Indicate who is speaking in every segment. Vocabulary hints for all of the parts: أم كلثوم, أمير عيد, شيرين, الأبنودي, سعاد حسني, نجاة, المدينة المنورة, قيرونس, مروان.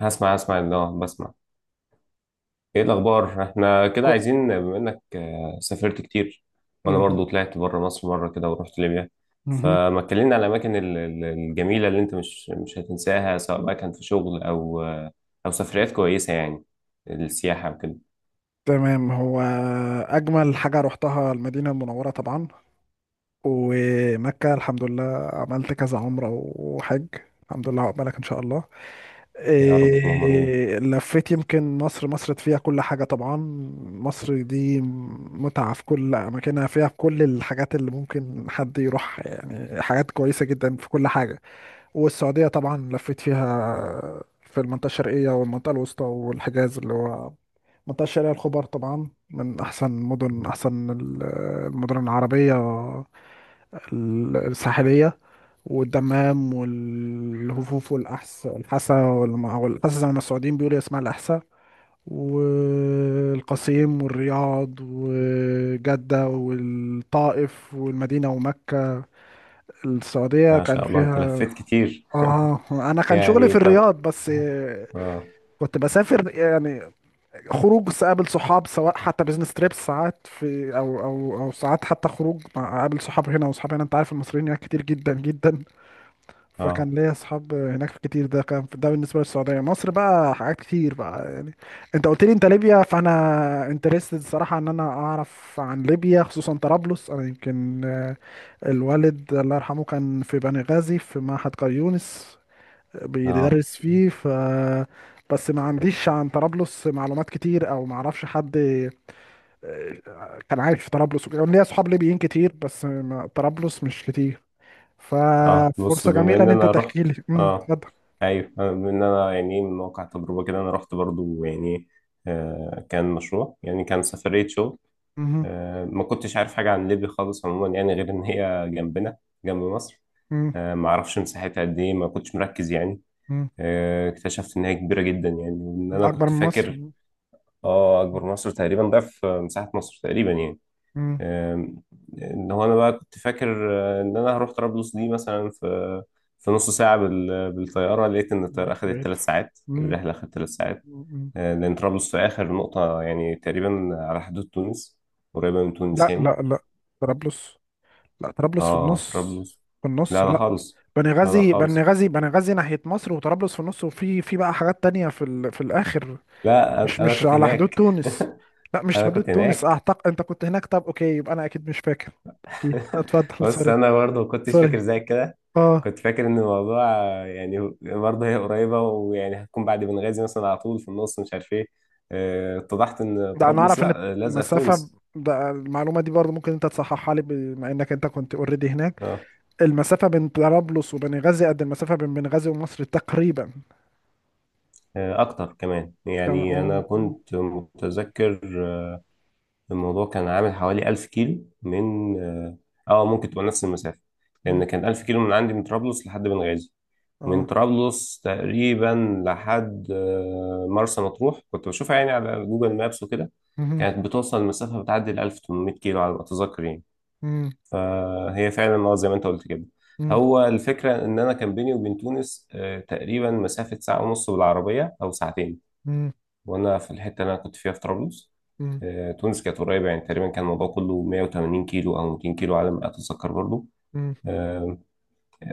Speaker 1: هسمع اللي بسمع. ايه الاخبار؟ احنا كده
Speaker 2: كو-
Speaker 1: عايزين، بما انك سافرت كتير. وانا
Speaker 2: مهم.
Speaker 1: برضو طلعت بره مصر مره كده ورحت ليبيا.
Speaker 2: مهم.
Speaker 1: فما اتكلمنا على الاماكن الجميله اللي انت مش هتنساها، سواء بقى كان في شغل او او سفريات كويسه يعني، السياحه وكده.
Speaker 2: تمام. هو أجمل حاجة روحتها المدينة المنورة طبعا، ومكة الحمد لله. عملت كذا عمرة وحج الحمد لله. عقبالك إن شاء الله.
Speaker 1: يا رب، اللهم امين.
Speaker 2: إيه، لفيت يمكن مصر. مصر فيها كل حاجة طبعا. مصر دي متعة في كل أماكنها، فيها في كل الحاجات اللي ممكن حد يروح، يعني حاجات كويسة جدا في كل حاجة. والسعودية طبعا لفيت فيها، في المنطقة الشرقية والمنطقة الوسطى والحجاز اللي هو منطقة شارع الخبر، طبعا من أحسن مدن، أحسن المدن العربية الساحلية، والدمام والهفوف الحسا والأحسا، زي ما السعوديين بيقولوا اسمها الأحسا، والقصيم والرياض وجدة والطائف والمدينة ومكة. السعودية
Speaker 1: ما
Speaker 2: كان
Speaker 1: شاء الله انت
Speaker 2: فيها،
Speaker 1: لفيت كتير.
Speaker 2: آه أنا كان شغلي في
Speaker 1: يعني طب.
Speaker 2: الرياض بس.
Speaker 1: اه
Speaker 2: كنت بسافر يعني، خروج قابل صحاب، سواء حتى بزنس تريبس ساعات في او ساعات، حتى خروج مع قابل صحاب هنا وصحاب هنا، انت عارف المصريين هناك كتير جدا جدا، فكان
Speaker 1: اه
Speaker 2: ليا اصحاب هناك كتير. ده كان ده بالنسبه للسعوديه. مصر بقى حاجات كتير بقى يعني. انت قلت لي انت ليبيا، فانا انترستد الصراحه ان انا اعرف عن ليبيا، خصوصا طرابلس. انا يمكن الوالد الله يرحمه كان في بني غازي في معهد قريونس
Speaker 1: اه
Speaker 2: بيدرس فيه، ف بس ما عنديش عن طرابلس معلومات كتير، او ما اعرفش حد كان عايش في طرابلس وكده. ليا اصحاب ليبيين كتير، بس ما... طرابلس مش كتير.
Speaker 1: اه بص،
Speaker 2: ففرصة
Speaker 1: بما
Speaker 2: جميلة
Speaker 1: ان
Speaker 2: ان انت
Speaker 1: انا رحت.
Speaker 2: تحكي لي.
Speaker 1: اه
Speaker 2: اتفضل.
Speaker 1: ايوه، بما ان انا يعني من واقع تجربه كده، انا رحت برضو يعني. كان مشروع، يعني كان سفريه شغل.
Speaker 2: مهم.
Speaker 1: ما كنتش عارف حاجه عن ليبيا خالص عموما يعني، غير ان هي جنبنا، جنب مصر.
Speaker 2: مم.
Speaker 1: ما اعرفش مساحتها قد ايه، ما كنتش مركز يعني.
Speaker 2: مم.
Speaker 1: اكتشفت ان هي كبيره جدا يعني، وان انا
Speaker 2: اكبر
Speaker 1: كنت
Speaker 2: من مصر.
Speaker 1: فاكر. اه اكبر مصر، تقريبا ضعف مساحه مصر تقريبا يعني.
Speaker 2: امم.
Speaker 1: آم، ان هو انا بقى كنت فاكر، ان انا هروح طرابلس دي مثلا في في نص ساعه بالطياره، لقيت ان الطياره اخذت
Speaker 2: بعيد.
Speaker 1: ثلاث ساعات،
Speaker 2: مم.
Speaker 1: الرحله اخذت ثلاث ساعات.
Speaker 2: مم.
Speaker 1: لان طرابلس في اخر نقطه يعني تقريبا على حدود تونس، قريبه من تونس
Speaker 2: لا
Speaker 1: يعني.
Speaker 2: لا لا، طرابلس، لا طرابلس في
Speaker 1: اه
Speaker 2: النص،
Speaker 1: طرابلس،
Speaker 2: في النص.
Speaker 1: لا لا
Speaker 2: لا،
Speaker 1: خالص،
Speaker 2: بني
Speaker 1: لا لا
Speaker 2: غازي، بني
Speaker 1: خالص.
Speaker 2: غازي بني غازي ناحية مصر، وطرابلس في النص، وفي بقى حاجات تانية في ال... في الآخر.
Speaker 1: لا انا
Speaker 2: مش
Speaker 1: أنا
Speaker 2: مش
Speaker 1: كنت
Speaker 2: على حدود
Speaker 1: هناك.
Speaker 2: تونس، لا مش في
Speaker 1: انا
Speaker 2: حدود
Speaker 1: كنت
Speaker 2: تونس.
Speaker 1: هناك.
Speaker 2: اعتقد انت كنت هناك، طب اوكي، يبقى انا اكيد مش فاكر. اكيد اتفضل.
Speaker 1: بص،
Speaker 2: سوري.
Speaker 1: انا برضه ما كنتش فاكر
Speaker 2: سوري.
Speaker 1: زي كده.
Speaker 2: اه.
Speaker 1: كنت فاكر ان الموضوع يعني برضه هي قريبه، ويعني هتكون بعد بنغازي مثلا، على طول في النص، مش عارف ايه. اتضحت ان
Speaker 2: ده انا
Speaker 1: طرابلس
Speaker 2: اعرف ان
Speaker 1: لا، لازقه في
Speaker 2: المسافة،
Speaker 1: تونس.
Speaker 2: ده المعلومة دي برضه ممكن انت تصححها لي بما انك انت كنت اوريدي هناك.
Speaker 1: اه،
Speaker 2: المسافة بين طرابلس وبنغازي قد المسافة بين بنغازي ومصر تقريبا.
Speaker 1: اكتر كمان،
Speaker 2: كان
Speaker 1: يعني انا
Speaker 2: اه
Speaker 1: كنت متذكر. آه، الموضوع كان عامل حوالي 1000 كيلو من ممكن تبقى نفس المسافه. لان
Speaker 2: مم،
Speaker 1: كان 1000 كيلو من عندي، من طرابلس لحد بنغازي. من
Speaker 2: اه
Speaker 1: طرابلس تقريبا لحد مرسى مطروح، كنت بشوفها يعني على جوجل مابس وكده.
Speaker 2: مهم،
Speaker 1: كانت بتوصل المسافة، بتعدي ال 1800 كيلو على ما أتذكر يعني.
Speaker 2: مم،
Speaker 1: فهي فعلا اه زي ما أنت قلت كده.
Speaker 2: مم،
Speaker 1: هو الفكرة إن أنا كان بيني وبين تونس تقريبا مسافة ساعة ونص بالعربية أو ساعتين.
Speaker 2: مم،
Speaker 1: وأنا في الحتة اللي أنا كنت فيها في طرابلس،
Speaker 2: مم،
Speaker 1: تونس كانت قريبة يعني، تقريبا كان الموضوع كله 180 كيلو أو 200 كيلو على ما أتذكر برضه.
Speaker 2: مم.
Speaker 1: آه،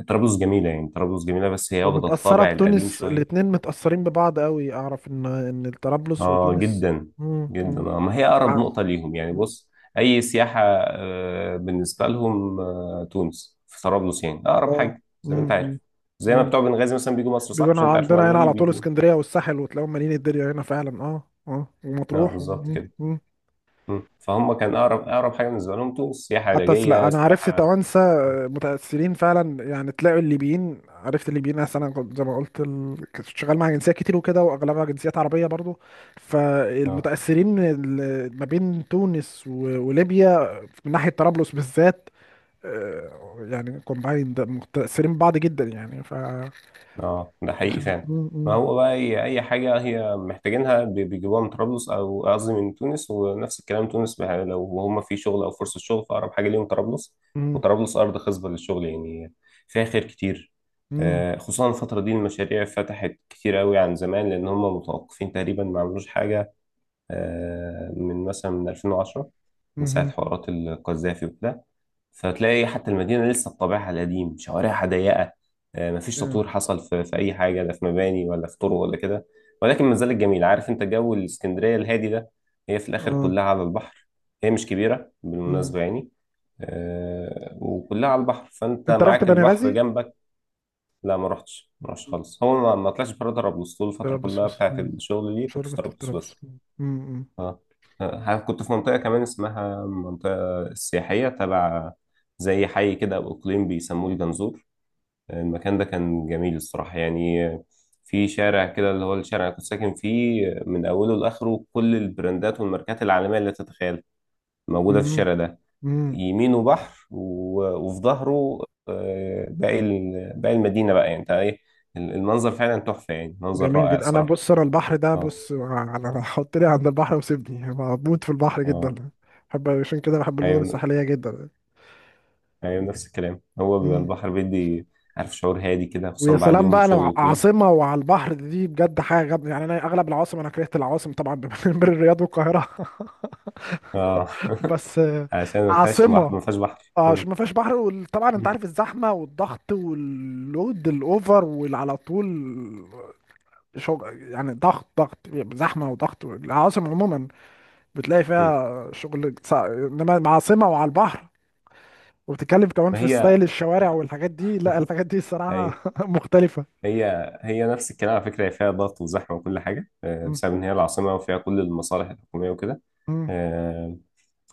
Speaker 1: طرابلس جميلة يعني، طرابلس جميلة بس هي واخدة
Speaker 2: ومتأثرة
Speaker 1: الطابع القديم
Speaker 2: بتونس،
Speaker 1: شوية.
Speaker 2: الاتنين متأثرين ببعض قوي. اعرف ان طرابلس
Speaker 1: اه
Speaker 2: وتونس
Speaker 1: جدا
Speaker 2: مم،
Speaker 1: جدا. آه. ما هي اقرب
Speaker 2: ع-
Speaker 1: نقطة ليهم يعني. بص، اي سياحة، بالنسبة لهم، تونس في طرابلس يعني اقرب
Speaker 2: اه
Speaker 1: حاجة، زي ما انت
Speaker 2: امم
Speaker 1: عارف، زي ما
Speaker 2: امم،
Speaker 1: بتوع بنغازي مثلا بيجوا مصر، صح؟
Speaker 2: بيجوا
Speaker 1: مش
Speaker 2: هنا
Speaker 1: انت عارف
Speaker 2: عندنا،
Speaker 1: المعلومة
Speaker 2: هنا
Speaker 1: دي؟
Speaker 2: على طول
Speaker 1: بيجوا.
Speaker 2: اسكندريه والساحل، وتلاقيهم مالين الدنيا هنا فعلا. اه اه.
Speaker 1: اه
Speaker 2: ومطروح.
Speaker 1: بالظبط
Speaker 2: مم،
Speaker 1: كده.
Speaker 2: مم.
Speaker 1: مم. فهم كان اقرب اقرب حاجة بالنسبة لهم تونس، سياحة
Speaker 2: لا
Speaker 1: علاجية،
Speaker 2: انا عرفت
Speaker 1: سياحة.
Speaker 2: توانسه. آه، متاثرين فعلا يعني، تلاقوا الليبيين، عرفت الليبيين، أصل انا كنت زي ما قلت كنت شغال مع جنسيات كتير وكده، واغلبها جنسيات عربيه برضو.
Speaker 1: اه
Speaker 2: فالمتاثرين ما بين تونس وليبيا من ناحيه طرابلس بالذات، آه، يعني كومباين، متاثرين ببعض جدا يعني. ف
Speaker 1: اه، ده حقيقي فعلا.
Speaker 2: مم،
Speaker 1: ما
Speaker 2: مم.
Speaker 1: هو بقى هي اي حاجه هي محتاجينها، بيجيبوها من طرابلس، او قصدي من تونس. ونفس الكلام تونس بقى، لو هم في شغل او فرصه شغل، فاقرب حاجه ليهم طرابلس.
Speaker 2: مم.
Speaker 1: وطرابلس ارض خصبه للشغل يعني، فيها خير كتير.
Speaker 2: مم.
Speaker 1: خصوصا الفتره دي المشاريع فتحت كتير قوي عن زمان، لان هم متوقفين تقريبا، ما عملوش حاجه من مثلا من 2010، من ساعه
Speaker 2: مهم.
Speaker 1: حوارات القذافي وكده. فتلاقي حتى المدينة لسه بطابعها القديم، شوارعها ضيقة، مفيش
Speaker 2: yeah.
Speaker 1: تطوير حصل في أي حاجة، لا في مباني ولا في طرق ولا كده. ولكن ما زالت جميلة، عارف أنت جو الإسكندرية الهادي ده؟ هي في الآخر
Speaker 2: اه
Speaker 1: كلها على البحر. هي مش كبيرة
Speaker 2: مم.
Speaker 1: بالمناسبة يعني. وكلها على البحر، فأنت
Speaker 2: انت رحت
Speaker 1: معاك
Speaker 2: بني
Speaker 1: البحر
Speaker 2: غازي؟
Speaker 1: جنبك. لا ما رحتش، ما رحتش خالص. هو ما طلعش بره طرابلس طول الفترة
Speaker 2: طرابلس
Speaker 1: كلها
Speaker 2: بس
Speaker 1: بتاعت
Speaker 2: مم.
Speaker 1: الشغل دي، كنت في
Speaker 2: شرطة في
Speaker 1: طرابلس
Speaker 2: طرابلس
Speaker 1: بس.
Speaker 2: مم. مم.
Speaker 1: اه. كنت في منطقة كمان اسمها منطقة السياحية تبع، زي حي كده أو إقليم، بيسموه الجنزور. المكان ده كان جميل الصراحة يعني. في شارع كده، اللي هو الشارع اللي كنت ساكن فيه، من أوله لآخره كل البراندات والماركات العالمية اللي تتخيل موجودة في
Speaker 2: مم.
Speaker 1: الشارع ده.
Speaker 2: مم.
Speaker 1: يمينه بحر وفي ظهره، باقي باقي المدينة بقى، يعني انت ايه، المنظر فعلا تحفة يعني، منظر
Speaker 2: جميل
Speaker 1: رائع
Speaker 2: جدا. انا
Speaker 1: الصراحة.
Speaker 2: بص، انا البحر ده،
Speaker 1: اه
Speaker 2: بص انا حط لي عند البحر وسيبني، أنا بموت في البحر جدا.
Speaker 1: اه
Speaker 2: بحب، عشان كده بحب المدن
Speaker 1: ايوه
Speaker 2: الساحلية جدا.
Speaker 1: ايوه، نفس الكلام. هو بيبقى
Speaker 2: مم.
Speaker 1: البحر بيدي، عارف، شعور هادي كده
Speaker 2: ويا
Speaker 1: خصوصا بعد
Speaker 2: سلام
Speaker 1: يوم
Speaker 2: بقى لو
Speaker 1: شغل طويل.
Speaker 2: عاصمة وعلى البحر، دي بجد حاجة جامدة يعني. أنا أغلب العواصم، أنا كرهت العواصم طبعا بين الرياض والقاهرة
Speaker 1: اه.
Speaker 2: بس آه،
Speaker 1: عشان ما فيهاش
Speaker 2: عاصمة،
Speaker 1: ما فيهاش بحر.
Speaker 2: اه عشان
Speaker 1: مم.
Speaker 2: ما فيهاش بحر، وطبعا انت
Speaker 1: مم.
Speaker 2: عارف الزحمه والضغط واللود الاوفر، واللي على طول شغل يعني، ضغط ضغط، زحمه وضغط العواصم عموما. بتلاقي
Speaker 1: مم.
Speaker 2: فيها شغل انما مع عاصمه وعلى البحر، وبتتكلم كمان
Speaker 1: ما
Speaker 2: في
Speaker 1: هي
Speaker 2: ستايل الشوارع والحاجات دي، لا الحاجات دي
Speaker 1: ايوه،
Speaker 2: الصراحه مختلفه.
Speaker 1: هي هي نفس الكلام على فكره، هي فيها ضغط وزحمه وكل حاجه
Speaker 2: مم.
Speaker 1: بسبب ان هي العاصمه وفيها كل المصالح الحكوميه وكده.
Speaker 2: مم.
Speaker 1: آه،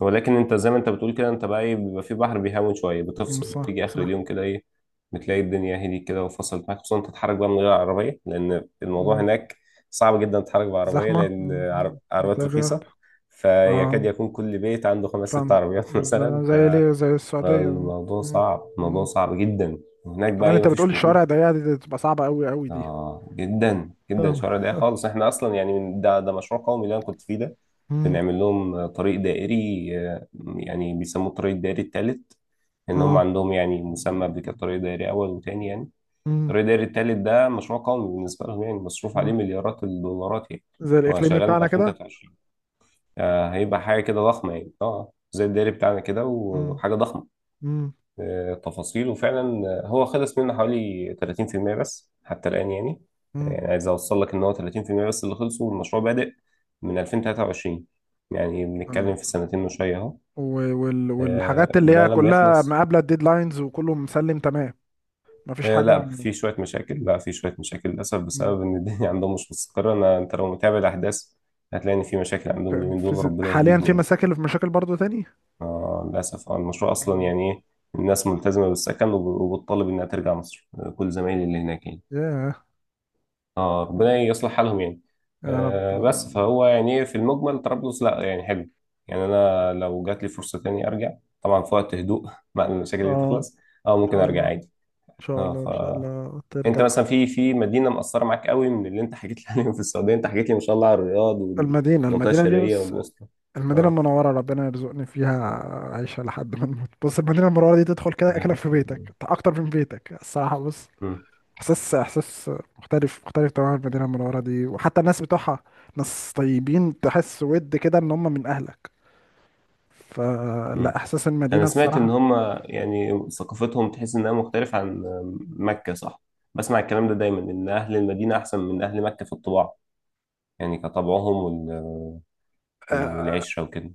Speaker 1: ولكن انت زي ما انت بتقول كده، انت بقى ايه، بيبقى في بحر بيهون شويه،
Speaker 2: مم.
Speaker 1: بتفصل،
Speaker 2: صح
Speaker 1: بتيجي اخر
Speaker 2: صح.
Speaker 1: اليوم كده ايه، بتلاقي الدنيا هديت كده وفصلت معاك. خصوصا انت تتحرك بقى من غير عربيه، لان الموضوع
Speaker 2: مم.
Speaker 1: هناك صعب جدا تتحرك بعربيه،
Speaker 2: زحمه.
Speaker 1: لان
Speaker 2: مم.
Speaker 1: عربيات
Speaker 2: مدرب.
Speaker 1: رخيصه، فيكاد
Speaker 2: اه
Speaker 1: يكون كل بيت عنده خمس ست
Speaker 2: فاهم،
Speaker 1: عربيات. مثلا
Speaker 2: زي ليه، زي السعوديه.
Speaker 1: فالموضوع
Speaker 2: مم.
Speaker 1: صعب، الموضوع
Speaker 2: مم.
Speaker 1: صعب جدا. وهناك بقى
Speaker 2: كمان
Speaker 1: ايه،
Speaker 2: انت بتقول
Speaker 1: مفيش مرور.
Speaker 2: الشوارع ضيقه، دي تبقى صعبه قوي قوي دي.
Speaker 1: اه جدا جدا،
Speaker 2: طب.
Speaker 1: شوارع ضيقه خالص. احنا اصلا يعني من ده مشروع قومي اللي انا كنت فيه ده،
Speaker 2: مم.
Speaker 1: بنعمل لهم طريق دائري، يعني بيسموه الطريق الدائري الثالث. ان هم
Speaker 2: اه.
Speaker 1: عندهم يعني مسمى قبل كده طريق دائري اول وتاني يعني.
Speaker 2: مم.
Speaker 1: الطريق الدائري الثالث ده مشروع قومي بالنسبه لهم يعني، مصروف عليه
Speaker 2: آه.
Speaker 1: مليارات الدولارات يعني.
Speaker 2: زي
Speaker 1: هو
Speaker 2: الاقليمي
Speaker 1: شغال من
Speaker 2: بتاعنا كده.
Speaker 1: 2023. آه هيبقى حاجه كده ضخمه يعني، اه زي الدائري بتاعنا كده،
Speaker 2: مم.
Speaker 1: وحاجه ضخمه
Speaker 2: مم.
Speaker 1: تفاصيل وفعلا. هو خلص منه حوالي 30% بس حتى الآن يعني.
Speaker 2: مم.
Speaker 1: يعني عايز أوصل لك إن هو 30% بس اللي خلصوا، والمشروع بادئ من 2023. يعني
Speaker 2: أم،
Speaker 1: بنتكلم في سنتين وشوية أهو.
Speaker 2: والحاجات اللي
Speaker 1: ده
Speaker 2: هي
Speaker 1: لما
Speaker 2: كلها
Speaker 1: يخلص.
Speaker 2: مقابله الديدلاينز، وكله مسلم تمام، مفيش حاجه.
Speaker 1: لا، في شوية مشاكل، لا في شوية مشاكل للأسف،
Speaker 2: أم،
Speaker 1: بسبب إن الدنيا عندهم مش مستقرة. أنا أنت لو متابع الأحداث هتلاقي إن في مشاكل عندهم اليومين دول، ربنا
Speaker 2: حاليا
Speaker 1: يهديهم
Speaker 2: في
Speaker 1: يعني.
Speaker 2: مشاكل، في مشاكل برضو تاني.
Speaker 1: للأسف، المشروع أصلا
Speaker 2: أم،
Speaker 1: يعني إيه، الناس ملتزمة بالسكن وبتطالب إنها ترجع مصر. كل زمايلي اللي هناك يعني،
Speaker 2: ياه.
Speaker 1: اه
Speaker 2: أم،
Speaker 1: ربنا يصلح حالهم يعني.
Speaker 2: يا رب.
Speaker 1: بس فهو يعني إيه، في المجمل طرابلس لا يعني حلو، يعني انا لو جات لي فرصه تاني ارجع، طبعا في وقت هدوء. بعد ما المشاكل دي
Speaker 2: اه
Speaker 1: تخلص، اه
Speaker 2: ان
Speaker 1: ممكن
Speaker 2: شاء الله،
Speaker 1: ارجع عادي.
Speaker 2: ان شاء
Speaker 1: اه،
Speaker 2: الله، ان شاء الله
Speaker 1: فانت
Speaker 2: ترجع.
Speaker 1: مثلا في في مدينه مأثره معاك قوي من اللي انت حكيت لي عليهم في السعوديه؟ انت حكيت لي ما شاء الله على الرياض
Speaker 2: المدينه
Speaker 1: والمنطقه
Speaker 2: المدينه دي
Speaker 1: الشرقيه
Speaker 2: بس،
Speaker 1: والوسطى.
Speaker 2: المدينة
Speaker 1: اه.
Speaker 2: المنورة، ربنا يرزقني فيها عيشة لحد ما نموت. بص المدينة المنورة دي، تدخل كده
Speaker 1: يا
Speaker 2: أكنك
Speaker 1: رب.
Speaker 2: في بيتك، أكتر من بيتك الصراحة. بص،
Speaker 1: مم.
Speaker 2: إحساس، إحساس مختلف، مختلف تماما المدينة المنورة دي، وحتى الناس بتوعها ناس طيبين، تحس ود كده إن هم من أهلك. فلا،
Speaker 1: مم.
Speaker 2: إحساس
Speaker 1: انا
Speaker 2: المدينة
Speaker 1: سمعت ان
Speaker 2: بصراحة.
Speaker 1: هم يعني ثقافتهم، تحس انها مختلفة عن مكة، صح؟ بسمع الكلام ده دايما، ان اهل المدينة احسن من اهل مكة في الطباع يعني، كطبعهم وال...
Speaker 2: آه،
Speaker 1: والعشرة وكده.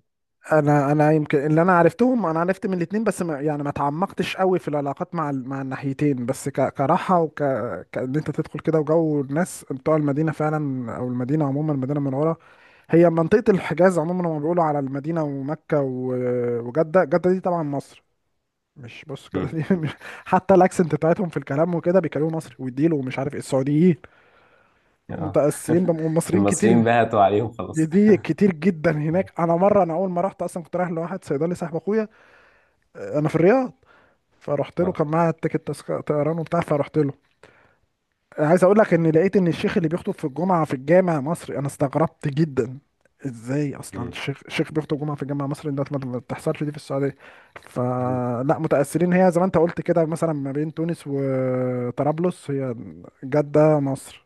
Speaker 2: أنا يمكن اللي أنا عرفتهم، أنا عرفت من الاتنين بس، ما يعني ما تعمقتش قوي في العلاقات مع مع الناحيتين، بس كراحة كأن أنت تدخل كده، وجو الناس بتوع المدينة فعلا، أو المدينة عموما المدينة المنورة، هي منطقة الحجاز عموما، لما بيقولوا على المدينة ومكة وجدة. جدة دي طبعا مصر، مش بص جدة
Speaker 1: مم.
Speaker 2: دي مش حتى الاكسنت بتاعتهم في الكلام وكده، بيكلموا مصري والديل، ومش عارف ايه، السعوديين
Speaker 1: آه.
Speaker 2: متأثرين والمصريين
Speaker 1: المصريين
Speaker 2: كتير.
Speaker 1: بهتوا عليهم
Speaker 2: دي,
Speaker 1: خلاص.
Speaker 2: دي كتير جدا
Speaker 1: اه.
Speaker 2: هناك. انا مرة، انا اول ما رحت اصلا كنت رايح لواحد صيدلي صاحب اخويا انا في الرياض، فرحت له،
Speaker 1: آه.
Speaker 2: كان معايا التيكت طيران وبتاع، فرحت له. عايز اقول لك ان لقيت ان الشيخ اللي بيخطب في الجمعه في الجامع مصري. انا استغربت جدا ازاي اصلا
Speaker 1: مم.
Speaker 2: الشيخ بيخطب جمعه في الجامع المصري ده. ما بتحصلش دي في السعوديه.
Speaker 1: مم.
Speaker 2: فلا متاثرين هي، زي ما انت قلت كده مثلا ما بين تونس وطرابلس، هي جده مصر،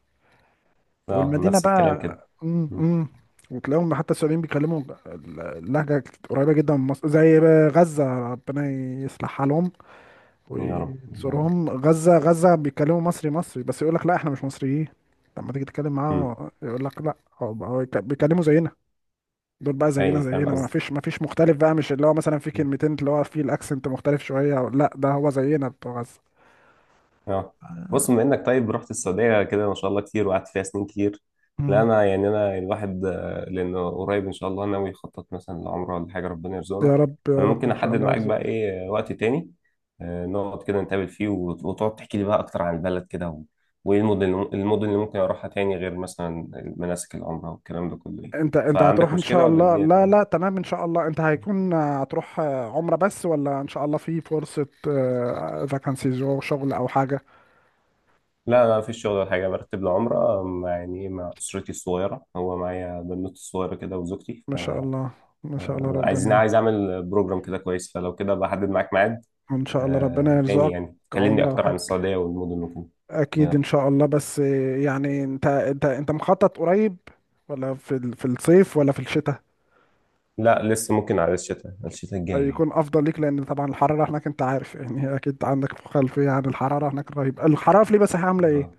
Speaker 1: اه
Speaker 2: والمدينه
Speaker 1: نفس الكلام
Speaker 2: بقى،
Speaker 1: كده. مم.
Speaker 2: امم، وتلاقيهم حتى السعوديين بيتكلموا اللهجه قريبه جدا من مصر، زي غزه. ربنا يصلحها لهم
Speaker 1: يا رب.
Speaker 2: ويزورهم. غزة غزة بيتكلموا مصري مصري، بس يقول لك لا احنا مش مصريين. لما تيجي تتكلم
Speaker 1: مم.
Speaker 2: معاه يقول لك لا، هو بيتكلموا زينا. دول بقى زينا
Speaker 1: ايوه فاهم
Speaker 2: زينا، ما
Speaker 1: قصدي.
Speaker 2: فيش مختلف بقى، مش اللي هو مثلا في كلمتين اللي هو فيه الاكسنت مختلف شوية، أو لا ده هو زينا بتوع غزة.
Speaker 1: اه بص، بما انك طيب رحت السعوديه كده ما شاء الله كتير وقعدت فيها سنين كتير، لا
Speaker 2: مم.
Speaker 1: انا يعني انا الواحد لانه قريب ان شاء الله ناوي يخطط مثلا لعمره ولا حاجه، ربنا يرزقنا.
Speaker 2: يا رب، يا
Speaker 1: فانا
Speaker 2: رب
Speaker 1: ممكن
Speaker 2: ان شاء
Speaker 1: احدد
Speaker 2: الله
Speaker 1: معاك بقى
Speaker 2: يرزقك.
Speaker 1: ايه، وقت تاني، نقعد كده نتقابل فيه وتقعد تحكي لي بقى اكتر عن البلد كده، وايه المدن، اللي ممكن اروحها تاني غير مثلا مناسك العمره والكلام ده كله يعني.
Speaker 2: انت انت هتروح
Speaker 1: فعندك
Speaker 2: ان شاء
Speaker 1: مشكله ولا
Speaker 2: الله؟
Speaker 1: الدنيا
Speaker 2: لا
Speaker 1: تمام؟
Speaker 2: لا تمام. ان شاء الله. انت هيكون هتروح عمرة بس، ولا ان شاء الله في فرصة فاكانسي شغل او حاجة؟
Speaker 1: لا لا مفيش شغل ولا حاجة، برتب لعمرة مع يعني إيه، مع أسرتي الصغيرة، هو معايا بنوتي الصغيرة كده وزوجتي.
Speaker 2: ما شاء الله، ما شاء الله،
Speaker 1: عايزين،
Speaker 2: ربنا
Speaker 1: عايز اعمل بروجرام كده كويس، فلو كده بحدد معاك ميعاد،
Speaker 2: ان شاء الله ربنا
Speaker 1: تاني
Speaker 2: يرزقك
Speaker 1: يعني، كلمني
Speaker 2: عمره
Speaker 1: اكتر عن
Speaker 2: وحج.
Speaker 1: السعودية والمدن ممكن.
Speaker 2: اكيد ان
Speaker 1: يلا.
Speaker 2: شاء الله، بس يعني انت مخطط قريب، ولا في في الصيف ولا في الشتاء؟
Speaker 1: لا لسه، ممكن على الشتاء، على الشتاء الجاي يعني.
Speaker 2: يكون افضل ليك، لان طبعا الحراره هناك انت عارف، يعني اكيد عندك خلفيه عن الحراره هناك رهيبه. الحراره في ليبيا عامله ايه؟
Speaker 1: آه.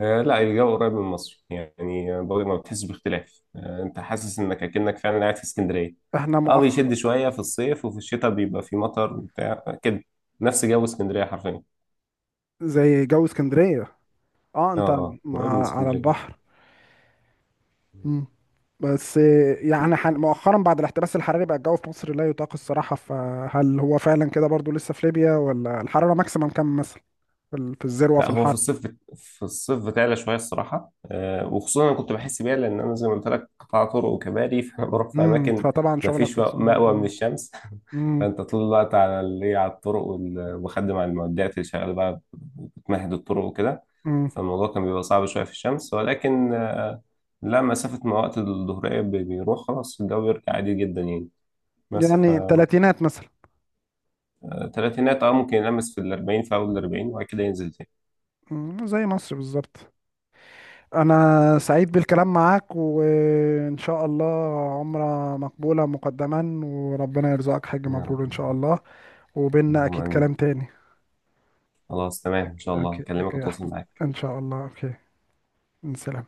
Speaker 1: لا الجو قريب من مصر يعني، برضه ما بتحسش باختلاف، انت حاسس انك اكنك فعلا قاعد في اسكندرية.
Speaker 2: احنا
Speaker 1: اه
Speaker 2: مؤخ
Speaker 1: بيشد شوية في الصيف، وفي الشتاء بيبقى في مطر وبتاع كده، نفس جو اسكندرية حرفيا.
Speaker 2: زي جو اسكندريه. اه
Speaker 1: اه
Speaker 2: انت،
Speaker 1: اه، قريب من
Speaker 2: مع على
Speaker 1: اسكندرية
Speaker 2: البحر.
Speaker 1: جدا.
Speaker 2: مم. بس يعني مؤخرا، بعد الاحتباس الحراري بقى الجو في مصر لا يطاق الصراحه. فهل هو فعلا كده برضو لسه في ليبيا؟ ولا الحراره ماكسيمم كام مثلا في في الذروه في
Speaker 1: لا هو
Speaker 2: الحر؟
Speaker 1: في الصيف في الصيف بتعلى شويه الصراحه. وخصوصا انا كنت بحس بيها، لان انا زي ما قلت لك قطاع طرق وكباري. فانا بروح في اماكن
Speaker 2: فطبعا
Speaker 1: ما
Speaker 2: شغلك في
Speaker 1: فيش
Speaker 2: الصم.
Speaker 1: مأوى من الشمس.
Speaker 2: امم
Speaker 1: فانت طول الوقت على اللي على الطرق وبخدم على المعدات اللي شغاله بقى، بتمهد الطرق وكده.
Speaker 2: امم.
Speaker 1: فالموضوع كان بيبقى صعب شويه في الشمس، ولكن لا مسافه ما وقت الظهريه بيروح خلاص، الجو بيرجع عادي جدا يعني. بس
Speaker 2: يعني تلاتينات مثلا.
Speaker 1: فالثلاثينات اه ممكن يلمس في الأربعين، في أول الأربعين وبعد كده ينزل تاني.
Speaker 2: مم، زي مصر بالظبط. انا سعيد بالكلام معاك، وان شاء الله عمرة مقبولة مقدما، وربنا يرزقك حج
Speaker 1: يا
Speaker 2: مبرور ان شاء
Speaker 1: رب،
Speaker 2: الله. وبيننا
Speaker 1: اللهم
Speaker 2: اكيد
Speaker 1: آمين.
Speaker 2: كلام تاني.
Speaker 1: خلاص تمام، ان شاء الله
Speaker 2: اوكي
Speaker 1: اكلمك
Speaker 2: اوكي يا
Speaker 1: واتواصل
Speaker 2: احمد.
Speaker 1: معاك.
Speaker 2: ان شاء الله اوكي. سلام.